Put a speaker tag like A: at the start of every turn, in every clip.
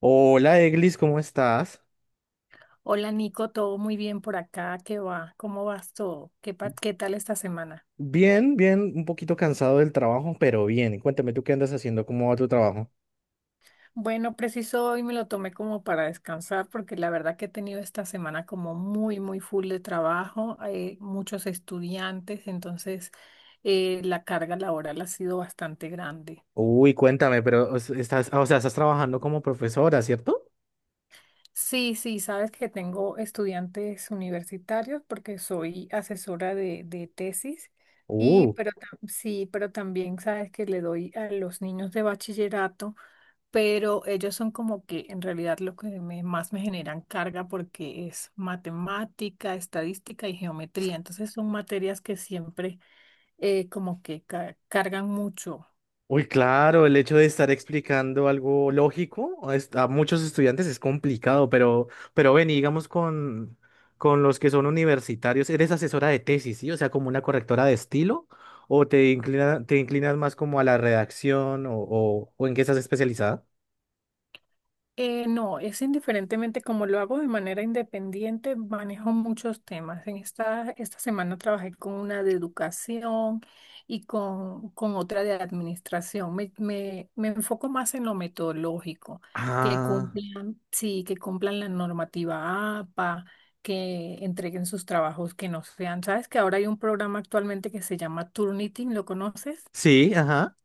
A: Hola, Eglis, ¿cómo estás?
B: Hola Nico, todo muy bien por acá, ¿qué va? ¿Cómo vas todo? ¿Qué tal esta semana?
A: Bien, bien, un poquito cansado del trabajo, pero bien. Cuéntame, ¿tú qué andas haciendo? ¿Cómo va tu trabajo?
B: Bueno, preciso hoy me lo tomé como para descansar porque la verdad que he tenido esta semana como muy full de trabajo, hay muchos estudiantes, entonces la carga laboral ha sido bastante grande.
A: Uy, cuéntame, pero o sea, estás trabajando como profesora, ¿cierto?
B: Sí, sí, sabes que tengo estudiantes universitarios porque soy asesora de tesis.
A: Uh,
B: Pero también sabes que le doy a los niños de bachillerato, pero ellos son como que en realidad más me generan carga porque es matemática, estadística y geometría. Entonces son materias que siempre, como que cargan mucho.
A: Uy, claro, el hecho de estar explicando algo lógico a muchos estudiantes es complicado, pero, ven, y digamos con los que son universitarios, eres asesora de tesis, ¿sí? O sea, como una correctora de estilo, o te inclinas más como a la redacción, o ¿en qué estás especializada?
B: No, es indiferentemente, como lo hago de manera independiente, manejo muchos temas. En esta semana trabajé con una de educación y con otra de administración. Me enfoco más en lo metodológico, que
A: Ah,
B: cumplan, sí, que cumplan la normativa APA, que entreguen sus trabajos, que no sean. ¿Sabes que ahora hay un programa actualmente que se llama Turnitin? ¿Lo conoces?
A: sí, ajá.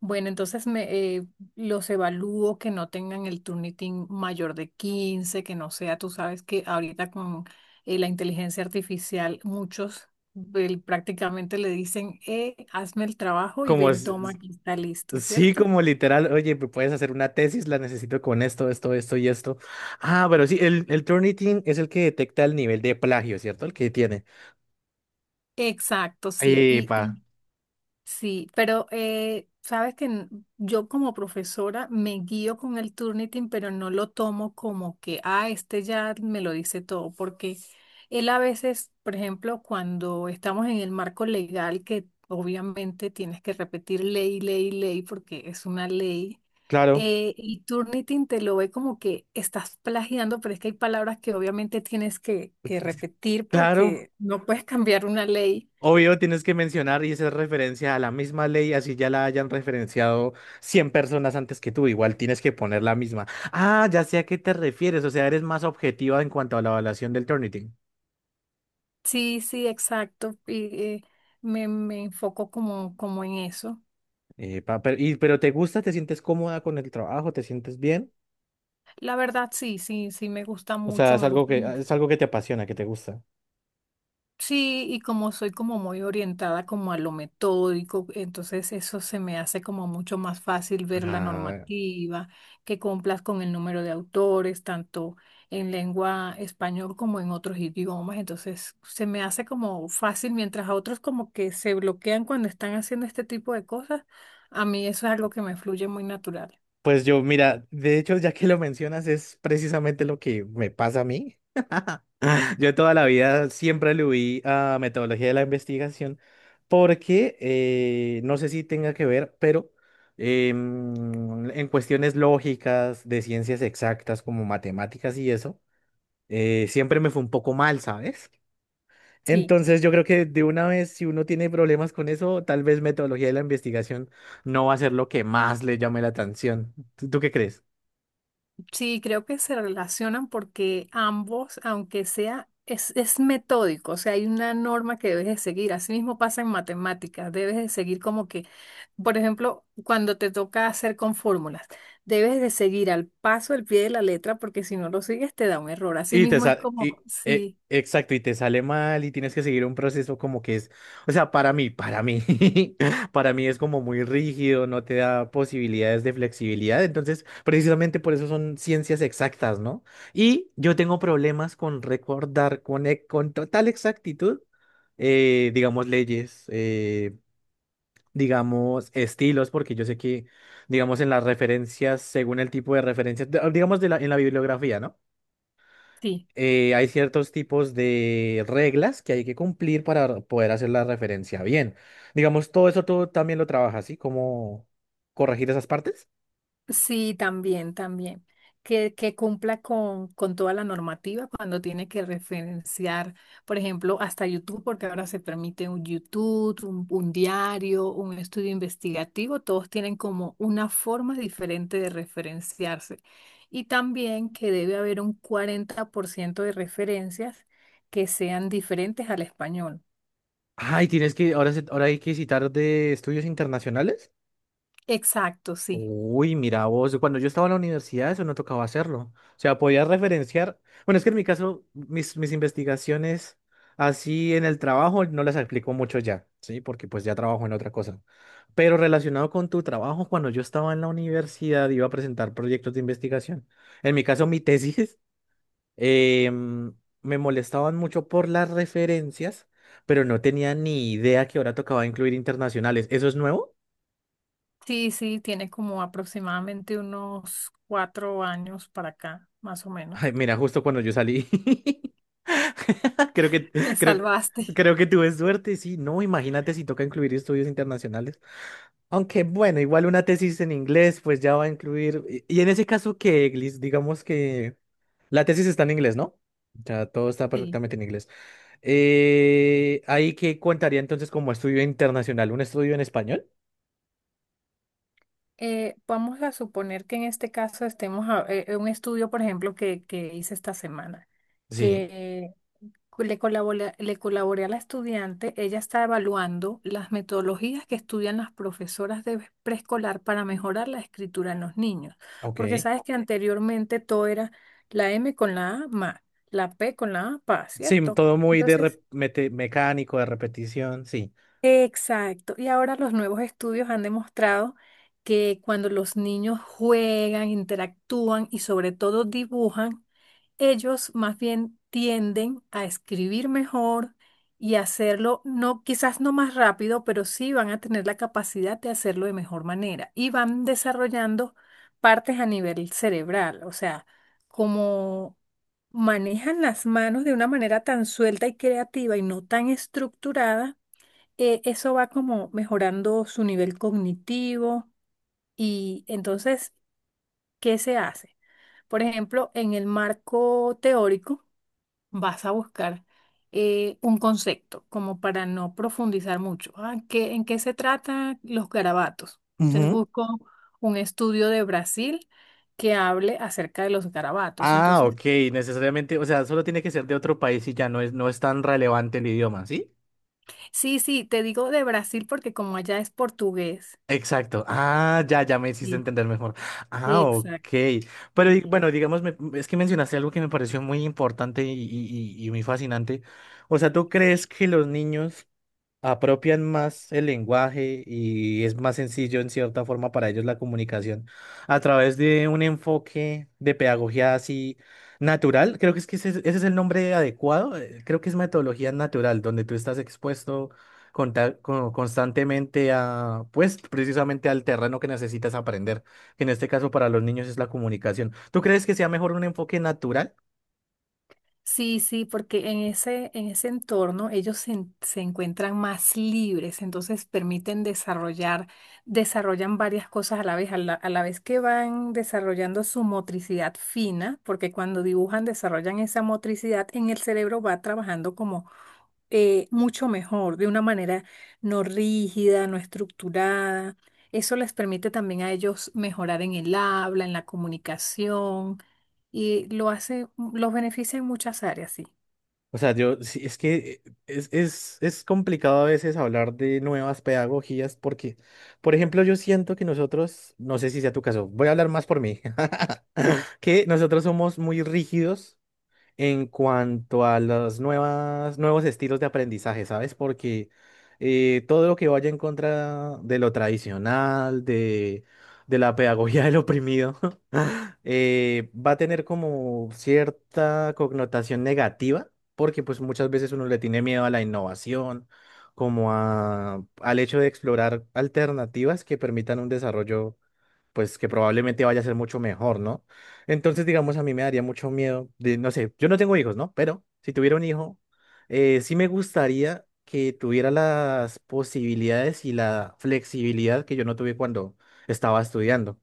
B: Bueno, entonces los evalúo que no tengan el Turnitin mayor de 15, que no sea, tú sabes que ahorita con, la inteligencia artificial, muchos prácticamente le dicen, hazme el trabajo y
A: Como,
B: ven, toma, aquí está listo,
A: sí,
B: ¿cierto?
A: como literal, oye, me puedes hacer una tesis, la necesito con esto, esto, esto y esto. Ah, pero sí, el Turnitin es el que detecta el nivel de plagio, ¿cierto? El que tiene.
B: Exacto, sí.
A: Epa,
B: Y, sí, pero yo como profesora me guío con el Turnitin, pero no lo tomo como que, ah, este ya me lo dice todo, porque él a veces, por ejemplo, cuando estamos en el marco legal, que obviamente tienes que repetir ley, ley, ley, porque es una ley,
A: claro,
B: y Turnitin te lo ve como que estás plagiando, pero es que hay palabras que obviamente que repetir
A: claro.
B: porque no puedes cambiar una ley.
A: Obvio, tienes que mencionar y hacer referencia a la misma ley, así ya la hayan referenciado 100 personas antes que tú, igual tienes que poner la misma. Ah, ya sé a qué te refieres, o sea, eres más objetiva en cuanto a la evaluación del Turnitin.
B: Sí, sí, exacto. Y, me enfoco como, como en eso.
A: Epa, pero ¿te gusta? ¿Te sientes cómoda con el trabajo? ¿Te sientes bien?
B: La verdad, sí, sí, sí, me gusta
A: O sea,
B: mucho,
A: es
B: me
A: algo
B: gusta.
A: que, es algo que te apasiona, que te gusta.
B: Sí, y como soy como muy orientada como a lo metódico, entonces eso se me hace como mucho más fácil ver la
A: Ah.
B: normativa, que cumplas con el número de autores, tanto en lengua español como en otros idiomas, entonces se me hace como fácil, mientras a otros como que se bloquean cuando están haciendo este tipo de cosas, a mí eso es algo que me fluye muy natural.
A: Pues yo, mira, de hecho, ya que lo mencionas, es precisamente lo que me pasa a mí. Yo toda la vida siempre le huí a metodología de la investigación porque no sé si tenga que ver, pero en cuestiones lógicas, de ciencias exactas como matemáticas y eso, siempre me fue un poco mal, ¿sabes?
B: Sí.
A: Entonces yo creo que de una vez, si uno tiene problemas con eso, tal vez metodología de la investigación no va a ser lo que más le llame la atención. ¿Tú qué crees?
B: Sí, creo que se relacionan porque ambos, aunque sea, es metódico, o sea, hay una norma que debes de seguir. Así mismo pasa en matemáticas, debes de seguir como que, por ejemplo, cuando te toca hacer con fórmulas, debes de seguir al paso del pie de la letra porque si no lo sigues te da un error. Así mismo es como, sí,
A: Exacto, y te sale mal y tienes que seguir un proceso como que es, o sea, para mí es como muy rígido, no te da posibilidades de flexibilidad. Entonces, precisamente por eso son ciencias exactas, ¿no? Y yo tengo problemas con recordar con total exactitud, digamos, leyes. Digamos, estilos, porque yo sé que, digamos, en las referencias, según el tipo de referencias digamos, en la bibliografía, ¿no?
B: sí.
A: Hay ciertos tipos de reglas que hay que cumplir para poder hacer la referencia bien. Digamos, todo eso tú también lo trabajas, ¿sí? ¿Cómo corregir esas partes?
B: Sí, también, también. Que cumpla con toda la normativa cuando tiene que referenciar, por ejemplo, hasta YouTube, porque ahora se permite un YouTube, un diario, un estudio investigativo, todos tienen como una forma diferente de referenciarse. Y también que debe haber un 40% de referencias que sean diferentes al español.
A: Ay, tienes que, ahora, ahora hay que citar de estudios internacionales.
B: Exacto, sí.
A: Uy, mira vos, cuando yo estaba en la universidad eso no tocaba hacerlo. O sea, podías referenciar. Bueno, es que en mi caso, mis investigaciones así en el trabajo no las aplico mucho ya, ¿sí? Porque pues ya trabajo en otra cosa. Pero relacionado con tu trabajo, cuando yo estaba en la universidad iba a presentar proyectos de investigación. En mi caso, mi tesis, em, me molestaban mucho por las referencias, pero no tenía ni idea que ahora tocaba incluir internacionales. ¿Eso es nuevo?
B: Sí, sí, tiene como aproximadamente unos 4 años para acá, más o
A: Ay,
B: menos.
A: mira, justo cuando yo salí. Creo que,
B: Te
A: creo,
B: salvaste.
A: creo que tuve suerte, sí. No, imagínate si toca incluir estudios internacionales. Aunque bueno, igual una tesis en inglés, pues ya va a incluir. Y en ese caso que, Liz, digamos que la tesis está en inglés, ¿no? Ya todo está
B: Sí.
A: perfectamente en inglés. ¿Ahí qué contaría entonces como estudio internacional? ¿Un estudio en español?
B: Vamos a suponer que en este caso en un estudio, por ejemplo, que hice esta semana,
A: Sí.
B: que le colaboré a la estudiante, ella está evaluando las metodologías que estudian las profesoras de preescolar para mejorar la escritura en los niños, porque
A: Ok.
B: sabes que, ok, anteriormente todo era la M con la A, ma, la P con la A, pa,
A: Sí,
B: ¿cierto?
A: todo muy de
B: Entonces,
A: mecánico, de repetición, sí.
B: exacto. Y ahora los nuevos estudios han demostrado que cuando los niños juegan, interactúan y sobre todo dibujan, ellos más bien tienden a escribir mejor y hacerlo, no, quizás no más rápido, pero sí van a tener la capacidad de hacerlo de mejor manera y van desarrollando partes a nivel cerebral, o sea, como manejan las manos de una manera tan suelta y creativa y no tan estructurada, eso va como mejorando su nivel cognitivo y entonces, ¿qué se hace? Por ejemplo, en el marco teórico vas a buscar un concepto como para no profundizar mucho. Ah, ¿qué, en qué se tratan los garabatos? Entonces busco un estudio de Brasil que hable acerca de los garabatos.
A: Ah,
B: Entonces,
A: ok, necesariamente, o sea, solo tiene que ser de otro país y ya no es tan relevante el idioma, ¿sí?
B: sí, sí, te digo de Brasil porque como allá es portugués.
A: Exacto. Ah, ya, ya me hiciste
B: Sí,
A: entender mejor. Ah, ok.
B: exacto.
A: Pero
B: Sí.
A: bueno, digamos, es que mencionaste algo que me pareció muy importante y muy fascinante. O sea, ¿tú crees que los niños apropian más el lenguaje y es más sencillo en cierta forma para ellos la comunicación a través de un enfoque de pedagogía así natural? Creo que es que ese es el nombre adecuado. Creo que es metodología natural, donde tú estás expuesto constantemente pues, precisamente al terreno que necesitas aprender, que en este caso para los niños es la comunicación. ¿Tú crees que sea mejor un enfoque natural?
B: Sí, sí, porque en ese entorno ellos se encuentran más libres, entonces permiten desarrollar, desarrollan varias cosas a la vez, a la vez que van desarrollando su motricidad fina, porque cuando dibujan desarrollan esa motricidad, en el cerebro va trabajando como mucho mejor, de una manera no rígida, no estructurada. Eso les permite también a ellos mejorar en el habla, en la comunicación y lo hace, los beneficia en muchas áreas, sí.
A: O sea, yo, sí, es que es complicado a veces hablar de nuevas pedagogías porque, por ejemplo, yo siento que nosotros, no sé si sea tu caso, voy a hablar más por mí, que nosotros somos muy rígidos en cuanto a los nuevos estilos de aprendizaje, ¿sabes? Porque todo lo que vaya en contra de lo tradicional, de la pedagogía del oprimido, va a tener como cierta connotación negativa, porque pues muchas veces uno le tiene miedo a la innovación, como al hecho de explorar alternativas que permitan un desarrollo, pues que probablemente vaya a ser mucho mejor, ¿no? Entonces, digamos, a mí me daría mucho miedo de, no sé, yo no tengo hijos, ¿no? Pero si tuviera un hijo, sí me gustaría que tuviera las posibilidades y la flexibilidad que yo no tuve cuando estaba estudiando.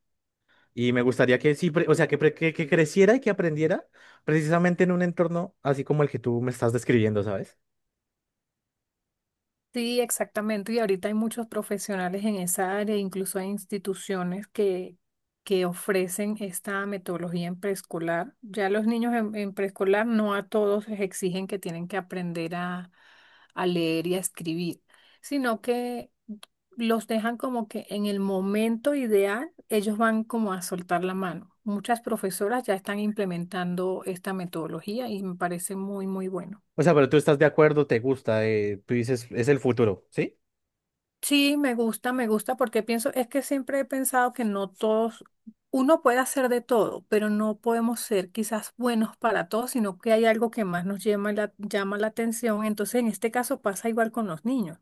A: Y me gustaría que sí, o sea, que creciera y que aprendiera precisamente en un entorno así como el que tú me estás describiendo, ¿sabes?
B: Sí, exactamente. Y ahorita hay muchos profesionales en esa área, incluso hay instituciones que ofrecen esta metodología en preescolar. Ya los niños en preescolar, no a todos les exigen que tienen que aprender a leer y a escribir, sino que los dejan como que en el momento ideal ellos van como a soltar la mano. Muchas profesoras ya están implementando esta metodología y me parece muy bueno.
A: O sea, pero tú estás de acuerdo, te gusta, tú dices, es el futuro, ¿sí?
B: Sí, me gusta, porque pienso, es que siempre he pensado que no todos, uno puede hacer de todo, pero no podemos ser quizás buenos para todos, sino que hay algo que más nos llama llama la atención. Entonces, en este caso pasa igual con los niños.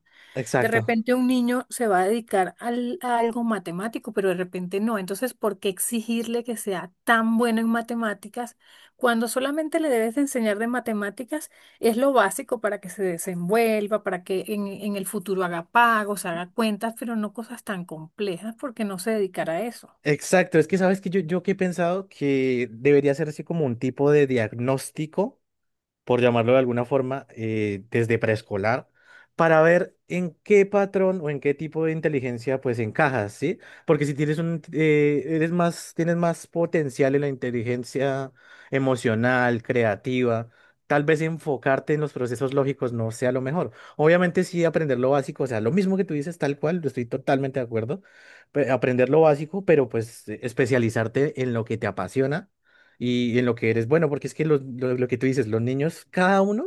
B: De
A: Exacto.
B: repente un niño se va a dedicar a algo matemático, pero de repente no. Entonces, ¿por qué exigirle que sea tan bueno en matemáticas cuando solamente le debes de enseñar de matemáticas? Es lo básico para que se desenvuelva, para que en el futuro haga pagos, haga cuentas, pero no cosas tan complejas porque no se dedicará a eso.
A: Exacto, es que sabes que yo que he pensado que debería ser así como un tipo de diagnóstico por llamarlo de alguna forma, desde preescolar, para ver en qué patrón o en qué tipo de inteligencia pues encajas, ¿sí? Porque si tienes tienes más potencial en la inteligencia emocional, creativa, tal vez enfocarte en los procesos lógicos no sea lo mejor. Obviamente sí aprender lo básico, o sea, lo mismo que tú dices, tal cual, estoy totalmente de acuerdo, aprender lo básico, pero pues especializarte en lo que te apasiona y en lo que eres bueno, porque es que lo que tú dices, los niños, cada uno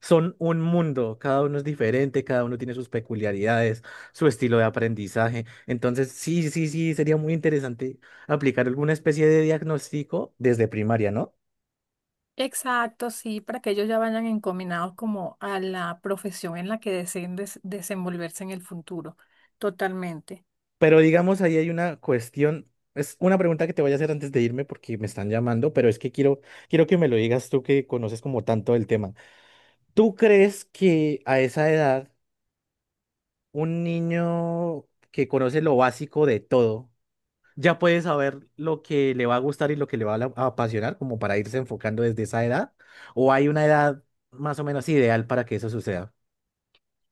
A: son un mundo, cada uno es diferente, cada uno tiene sus peculiaridades, su estilo de aprendizaje. Entonces, sí, sí, sí, sería muy interesante aplicar alguna especie de diagnóstico desde primaria, ¿no?
B: Exacto, sí, para que ellos ya vayan encaminados como a la profesión en la que deseen desenvolverse en el futuro. Totalmente.
A: Pero digamos, ahí hay una cuestión, es una pregunta que te voy a hacer antes de irme porque me están llamando, pero es que quiero que me lo digas tú que conoces como tanto el tema. ¿Tú crees que a esa edad un niño que conoce lo básico de todo, ya puede saber lo que le va a gustar y lo que le va a apasionar, como para irse enfocando desde esa edad, o hay una edad más o menos ideal para que eso suceda?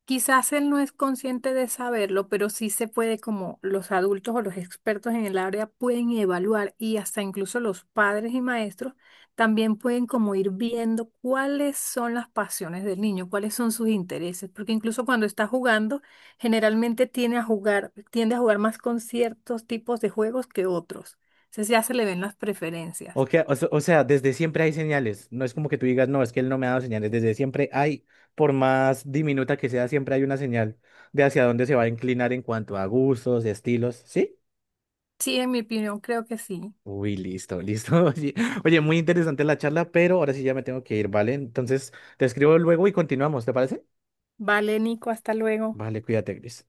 B: Quizás él no es consciente de saberlo, pero sí se puede, como los adultos o los expertos en el área pueden evaluar y hasta incluso los padres y maestros también pueden como ir viendo cuáles son las pasiones del niño, cuáles son sus intereses, porque incluso cuando está jugando, generalmente tiende a jugar más con ciertos tipos de juegos que otros. Entonces ya se le ven las
A: O,
B: preferencias.
A: que- o se- o sea, desde siempre hay señales, no es como que tú digas, no, es que él no me ha dado señales, desde siempre hay, por más diminuta que sea, siempre hay una señal de hacia dónde se va a inclinar en cuanto a gustos, estilos, ¿sí?
B: Sí, en mi opinión, creo que sí.
A: Uy, listo, listo. Oye, muy interesante la charla, pero ahora sí ya me tengo que ir, ¿vale? Entonces, te escribo luego y continuamos, ¿te parece?
B: Vale, Nico, hasta luego.
A: Vale, cuídate, Gris.